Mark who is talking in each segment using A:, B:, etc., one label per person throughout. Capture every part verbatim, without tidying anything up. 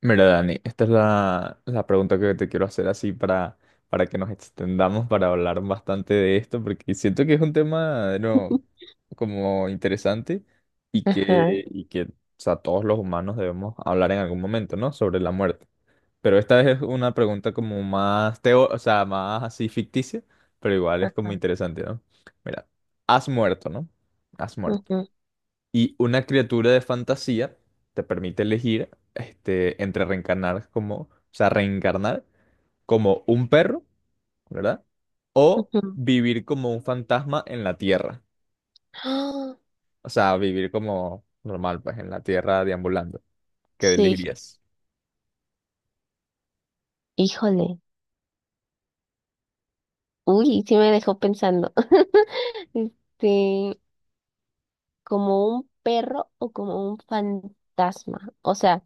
A: Mira, Dani, esta es la, la pregunta que te quiero hacer así para, para que nos extendamos, para hablar bastante de esto, porque siento que es un tema, no, como interesante y
B: Ajá,
A: que, y que, o sea, todos los humanos debemos hablar en algún momento, ¿no? Sobre la muerte. Pero esta es una pregunta como más teo, o sea, más así ficticia, pero igual es como
B: ajá,
A: interesante, ¿no? Mira, has muerto, ¿no? Has muerto.
B: ujú,
A: Y una criatura de fantasía te permite elegir este, entre reencarnar como, o sea, reencarnar como un perro, ¿verdad? O
B: ujú.
A: vivir como un fantasma en la tierra.
B: ¡Ah!
A: O sea, vivir como normal, pues en la tierra deambulando. ¿Qué
B: Sí,
A: elegirías?
B: híjole. Uy, sí me dejó pensando. Este, Como un perro o como un fantasma. O sea,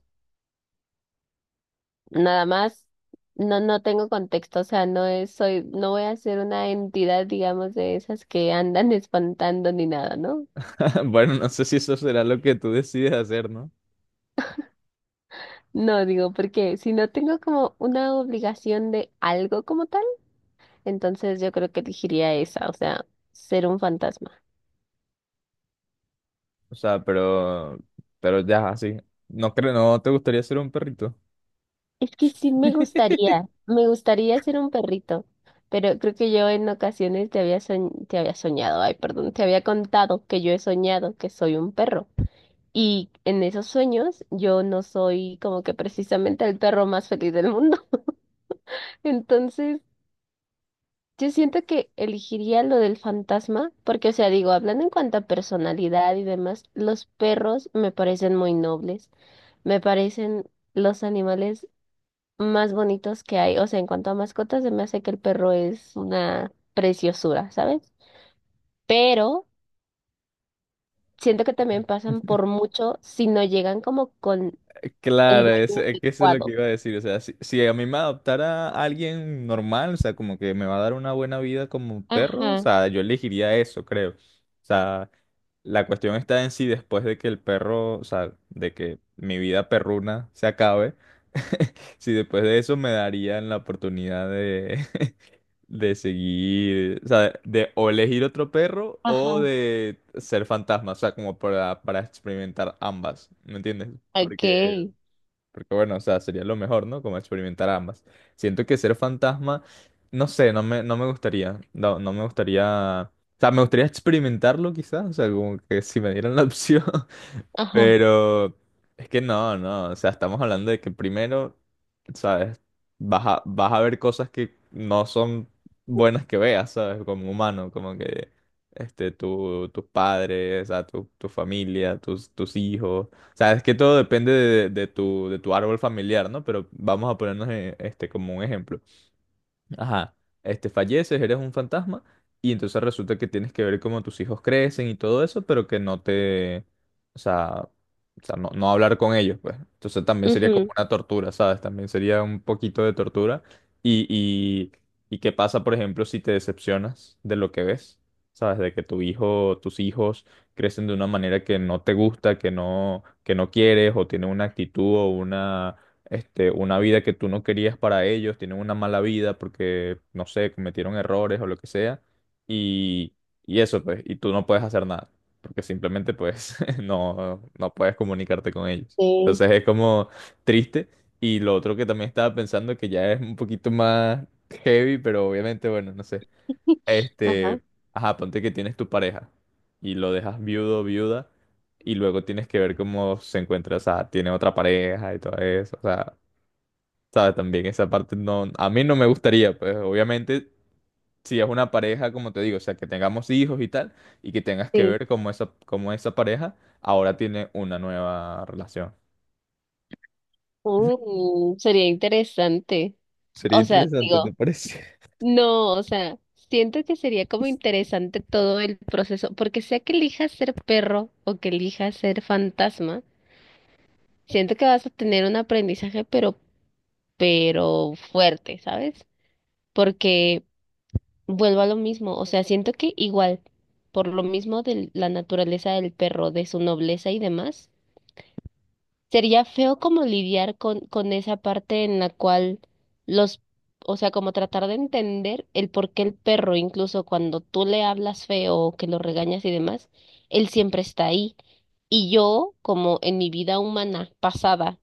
B: nada más, no, no tengo contexto. O sea, no es, soy, no voy a ser una entidad, digamos, de esas que andan espantando ni nada, ¿no?
A: Bueno, no sé si eso será lo que tú decides hacer, ¿no?
B: No, digo, porque si no tengo como una obligación de algo como tal, entonces yo creo que elegiría esa, o sea, ser un fantasma.
A: O sea, pero, pero ya, así. No creo, no te gustaría ser un perrito.
B: Es que sí me gustaría, me gustaría ser un perrito, pero creo que yo en ocasiones te había soñ- te había soñado, ay, perdón, te había contado que yo he soñado que soy un perro. Y en esos sueños yo no soy como que precisamente el perro más feliz del mundo. Entonces, yo siento que elegiría lo del fantasma, porque, o sea, digo, hablando en cuanto a personalidad y demás, los perros me parecen muy nobles, me parecen los animales más bonitos que hay. O sea, en cuanto a mascotas, se me hace que el perro es una preciosura, ¿sabes? Pero siento que también pasan por mucho si no llegan como con el
A: Claro, eso,
B: dueño
A: es que eso es lo que
B: adecuado.
A: iba a decir. O sea, si, si a mí me adoptara alguien normal, o sea, como que me va a dar una buena vida como un perro, o
B: Ajá,
A: sea, yo elegiría eso, creo. O sea, la cuestión está en si después de que el perro, o sea, de que mi vida perruna se acabe, si después de eso me darían la oportunidad de, de seguir, o sea, de o elegir otro perro o
B: ajá,
A: de ser fantasma, o sea, como para, para experimentar ambas, ¿me entiendes?
B: ok,
A: Porque bueno, o sea, sería lo mejor, ¿no? Como experimentar ambas. Siento que ser fantasma, no sé, no me, no me gustaría. No, no me gustaría. O sea, me gustaría experimentarlo quizás. O sea, como que si me dieran la opción.
B: ajá,
A: Pero es que no, no, o sea, estamos hablando de que primero, ¿sabes? Vas a, vas a ver cosas que no son buenas que veas, ¿sabes? Como humano, como que este, tu, tus padres, o sea, tu, tu familia, tus, tus hijos. O sea, es que todo depende de, de tu, de tu árbol familiar, ¿no? Pero vamos a ponernos eh, este, como un ejemplo. Ajá, este, falleces, eres un fantasma y entonces resulta que tienes que ver cómo tus hijos crecen y todo eso, pero que no te, o sea, o sea, no, no hablar con ellos, pues. Entonces también sería como
B: ujú,
A: una tortura, ¿sabes? También sería un poquito de tortura. Y, y, y qué pasa, por ejemplo, si te decepcionas de lo que ves, ¿sabes? De que tu hijo, tus hijos crecen de una manera que no te gusta, que no, que no quieres, o tienen una actitud o este, una vida que tú no querías para ellos, tienen una mala vida porque, no sé, cometieron errores o lo que sea, y, y eso, pues, y tú no puedes hacer nada, porque simplemente, pues, no, no puedes comunicarte con ellos.
B: sí,
A: Entonces es como triste, y lo otro que también estaba pensando, que ya es un poquito más heavy, pero obviamente, bueno, no sé,
B: ajá,
A: este, ajá, ponte que tienes tu pareja, y lo dejas viudo o viuda, y luego tienes que ver cómo se encuentra, o sea, tiene otra pareja y todo eso, o sea, ¿sabes? También esa parte no, a mí no me gustaría, pues obviamente si es una pareja, como te digo, o sea, que tengamos hijos y tal, y que tengas que
B: sí.
A: ver cómo esa, cómo esa pareja ahora tiene una nueva relación.
B: Uh, sería interesante.
A: Sería
B: O sea,
A: interesante, ¿te
B: digo,
A: parece?
B: no, o sea, siento que sería como interesante todo el proceso, porque sea que elijas ser perro o que elijas ser fantasma, siento que vas a tener un aprendizaje, pero, pero fuerte, ¿sabes? Porque vuelvo a lo mismo, o sea, siento que igual, por lo mismo de la naturaleza del perro, de su nobleza y demás, sería feo como lidiar con, con esa parte en la cual los, o sea, como tratar de entender el por qué el perro, incluso cuando tú le hablas feo o que lo regañas y demás, él siempre está ahí. Y yo, como en mi vida humana pasada,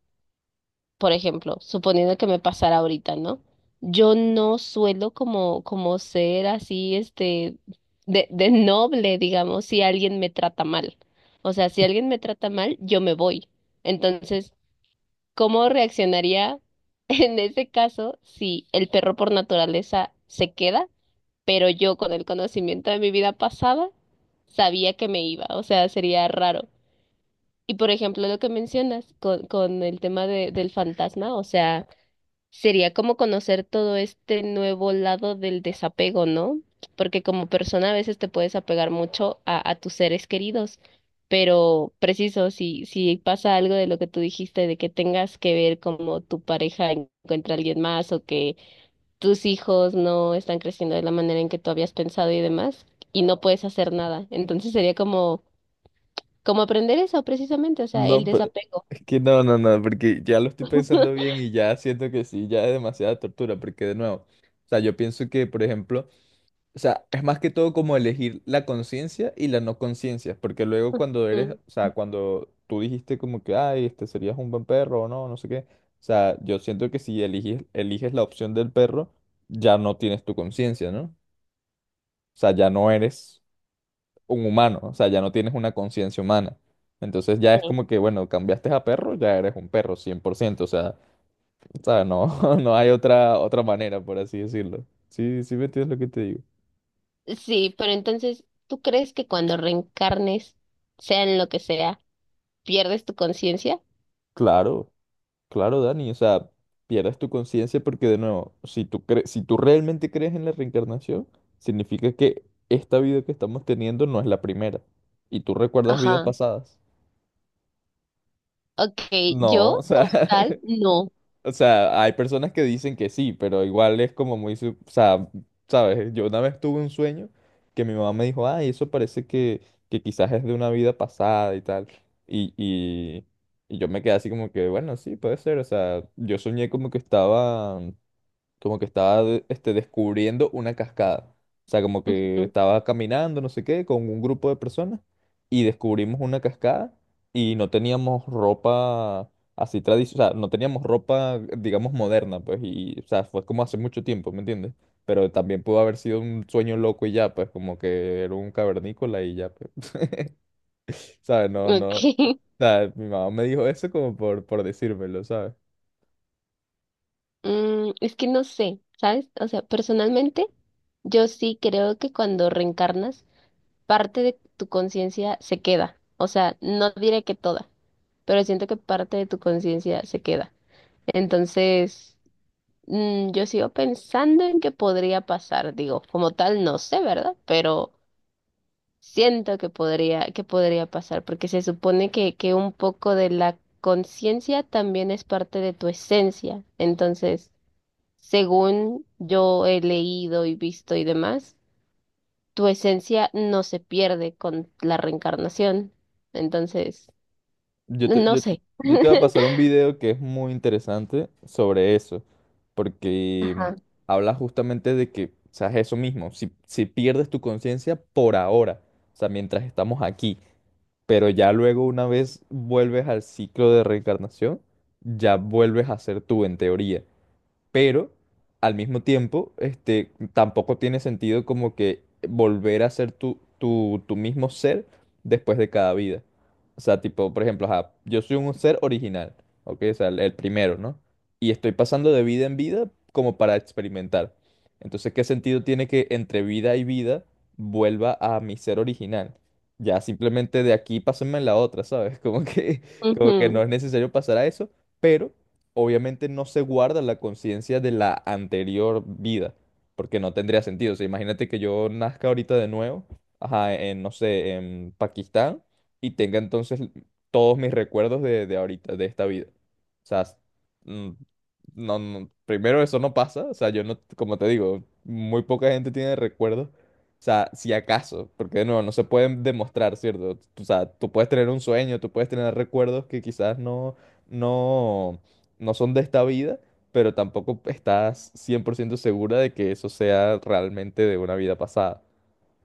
B: por ejemplo, suponiendo que me pasara ahorita, ¿no? Yo no suelo como, como ser así, este, de, de noble, digamos, si alguien me trata mal. O sea, si alguien me trata mal, yo me voy. Entonces, ¿cómo reaccionaría en ese caso si el perro por naturaleza se queda, pero yo con el conocimiento de mi vida pasada sabía que me iba? O sea, sería raro. Y por ejemplo, lo que mencionas con, con el tema de, del fantasma, o sea, sería como conocer todo este nuevo lado del desapego, ¿no? Porque como persona a veces te puedes apegar mucho a, a tus seres queridos, pero preciso, si, si pasa algo de lo que tú dijiste, de que tengas que ver como tu pareja encuentra a alguien más o que tus hijos no están creciendo de la manera en que tú habías pensado y demás, y no puedes hacer nada. Entonces sería como, como aprender eso precisamente, o sea, el
A: No, pero
B: desapego.
A: es que no, no, no, porque ya lo estoy pensando bien y ya siento que sí, ya es demasiada tortura, porque de nuevo, o sea, yo pienso que, por ejemplo, o sea, es más que todo como elegir la conciencia y la no conciencia, porque luego cuando eres,
B: Mm,
A: o sea, cuando tú dijiste como que, ay, este serías un buen perro o no, no sé qué, o sea, yo siento que si eliges, eliges la opción del perro, ya no tienes tu conciencia, ¿no? O sea, ya no eres un humano, o sea, ya no tienes una conciencia humana. Entonces ya es
B: sí.
A: como que, bueno, cambiaste a perro, ya eres un perro, cien por ciento o sea, ¿sabes? No, no hay otra, otra manera, por así decirlo. Sí, sí me entiendes lo que te digo.
B: Sí, pero entonces, ¿tú crees que cuando reencarnes, sea en lo que sea, pierdes tu conciencia?
A: Claro. Claro, Dani, o sea, pierdes tu conciencia porque de nuevo, si tú cre- si tú realmente crees en la reencarnación, significa que esta vida que estamos teniendo no es la primera y tú recuerdas vidas
B: Ajá.
A: pasadas.
B: Ok,
A: No, o
B: yo como
A: sea,
B: tal, no.
A: o sea, hay personas que dicen que sí, pero igual es como muy, sub- o sea, sabes, yo una vez tuve un sueño que mi mamá me dijo, ay, eso parece que, que quizás es de una vida pasada y tal, y, y, y yo me quedé así como que, bueno, sí, puede ser, o sea, yo soñé como que estaba como que estaba de- este, descubriendo una cascada. O sea, como que
B: Ujú,
A: estaba caminando, no sé qué, con un grupo de personas y descubrimos una cascada y no teníamos ropa así tradicional, o sea, no teníamos ropa, digamos, moderna, pues, y, o sea, fue como hace mucho tiempo, ¿me entiendes? Pero también pudo haber sido un sueño loco y ya, pues, como que era un cavernícola y ya, pues, ¿sabes? No,
B: ok.
A: no, o sea, mi mamá me dijo eso como por, por decírmelo, ¿sabes?
B: Mm, es que no sé, ¿sabes? O sea, personalmente, yo sí creo que cuando reencarnas, parte de tu conciencia se queda. O sea, no diré que toda, pero siento que parte de tu conciencia se queda. Entonces, mm, yo sigo pensando en que podría pasar, digo, como tal no sé, ¿verdad? Pero siento que podría, que podría pasar, porque se supone que, que un poco de la conciencia también es parte de tu esencia. Entonces, según yo he leído y visto y demás, tu esencia no se pierde con la reencarnación. Entonces,
A: Yo te,
B: no
A: yo,
B: sé.
A: yo te voy a pasar un video que es muy interesante sobre eso, porque
B: Ajá.
A: habla justamente de que, o sea, es eso mismo, si, si pierdes tu conciencia por ahora, o sea, mientras estamos aquí, pero ya luego una vez vuelves al ciclo de reencarnación, ya vuelves a ser tú en teoría, pero al mismo tiempo, este, tampoco tiene sentido como que volver a ser tu, tu, tu mismo ser después de cada vida. O sea, tipo, por ejemplo, ajá, yo soy un ser original, ¿ok? O sea, el, el primero, ¿no? Y estoy pasando de vida en vida como para experimentar. Entonces, ¿qué sentido tiene que entre vida y vida vuelva a mi ser original? Ya simplemente de aquí pásenme en la otra, ¿sabes? Como que, como que no es necesario pasar a eso, pero obviamente no se guarda la conciencia de la anterior vida, porque no tendría sentido. O sea, imagínate que yo nazca ahorita de nuevo, ajá, en, no sé, en Pakistán, y tenga entonces todos mis recuerdos de, de ahorita, de esta vida. O sea, s- mm, no, no, primero eso no pasa, o sea, yo no, como te digo, muy poca gente tiene recuerdos. O sea, si acaso, porque de nuevo no se pueden demostrar, ¿cierto? O sea, tú puedes tener un sueño, tú puedes tener recuerdos que quizás no, no, no son de esta vida, pero tampoco estás cien por ciento segura de que eso sea realmente de una vida pasada.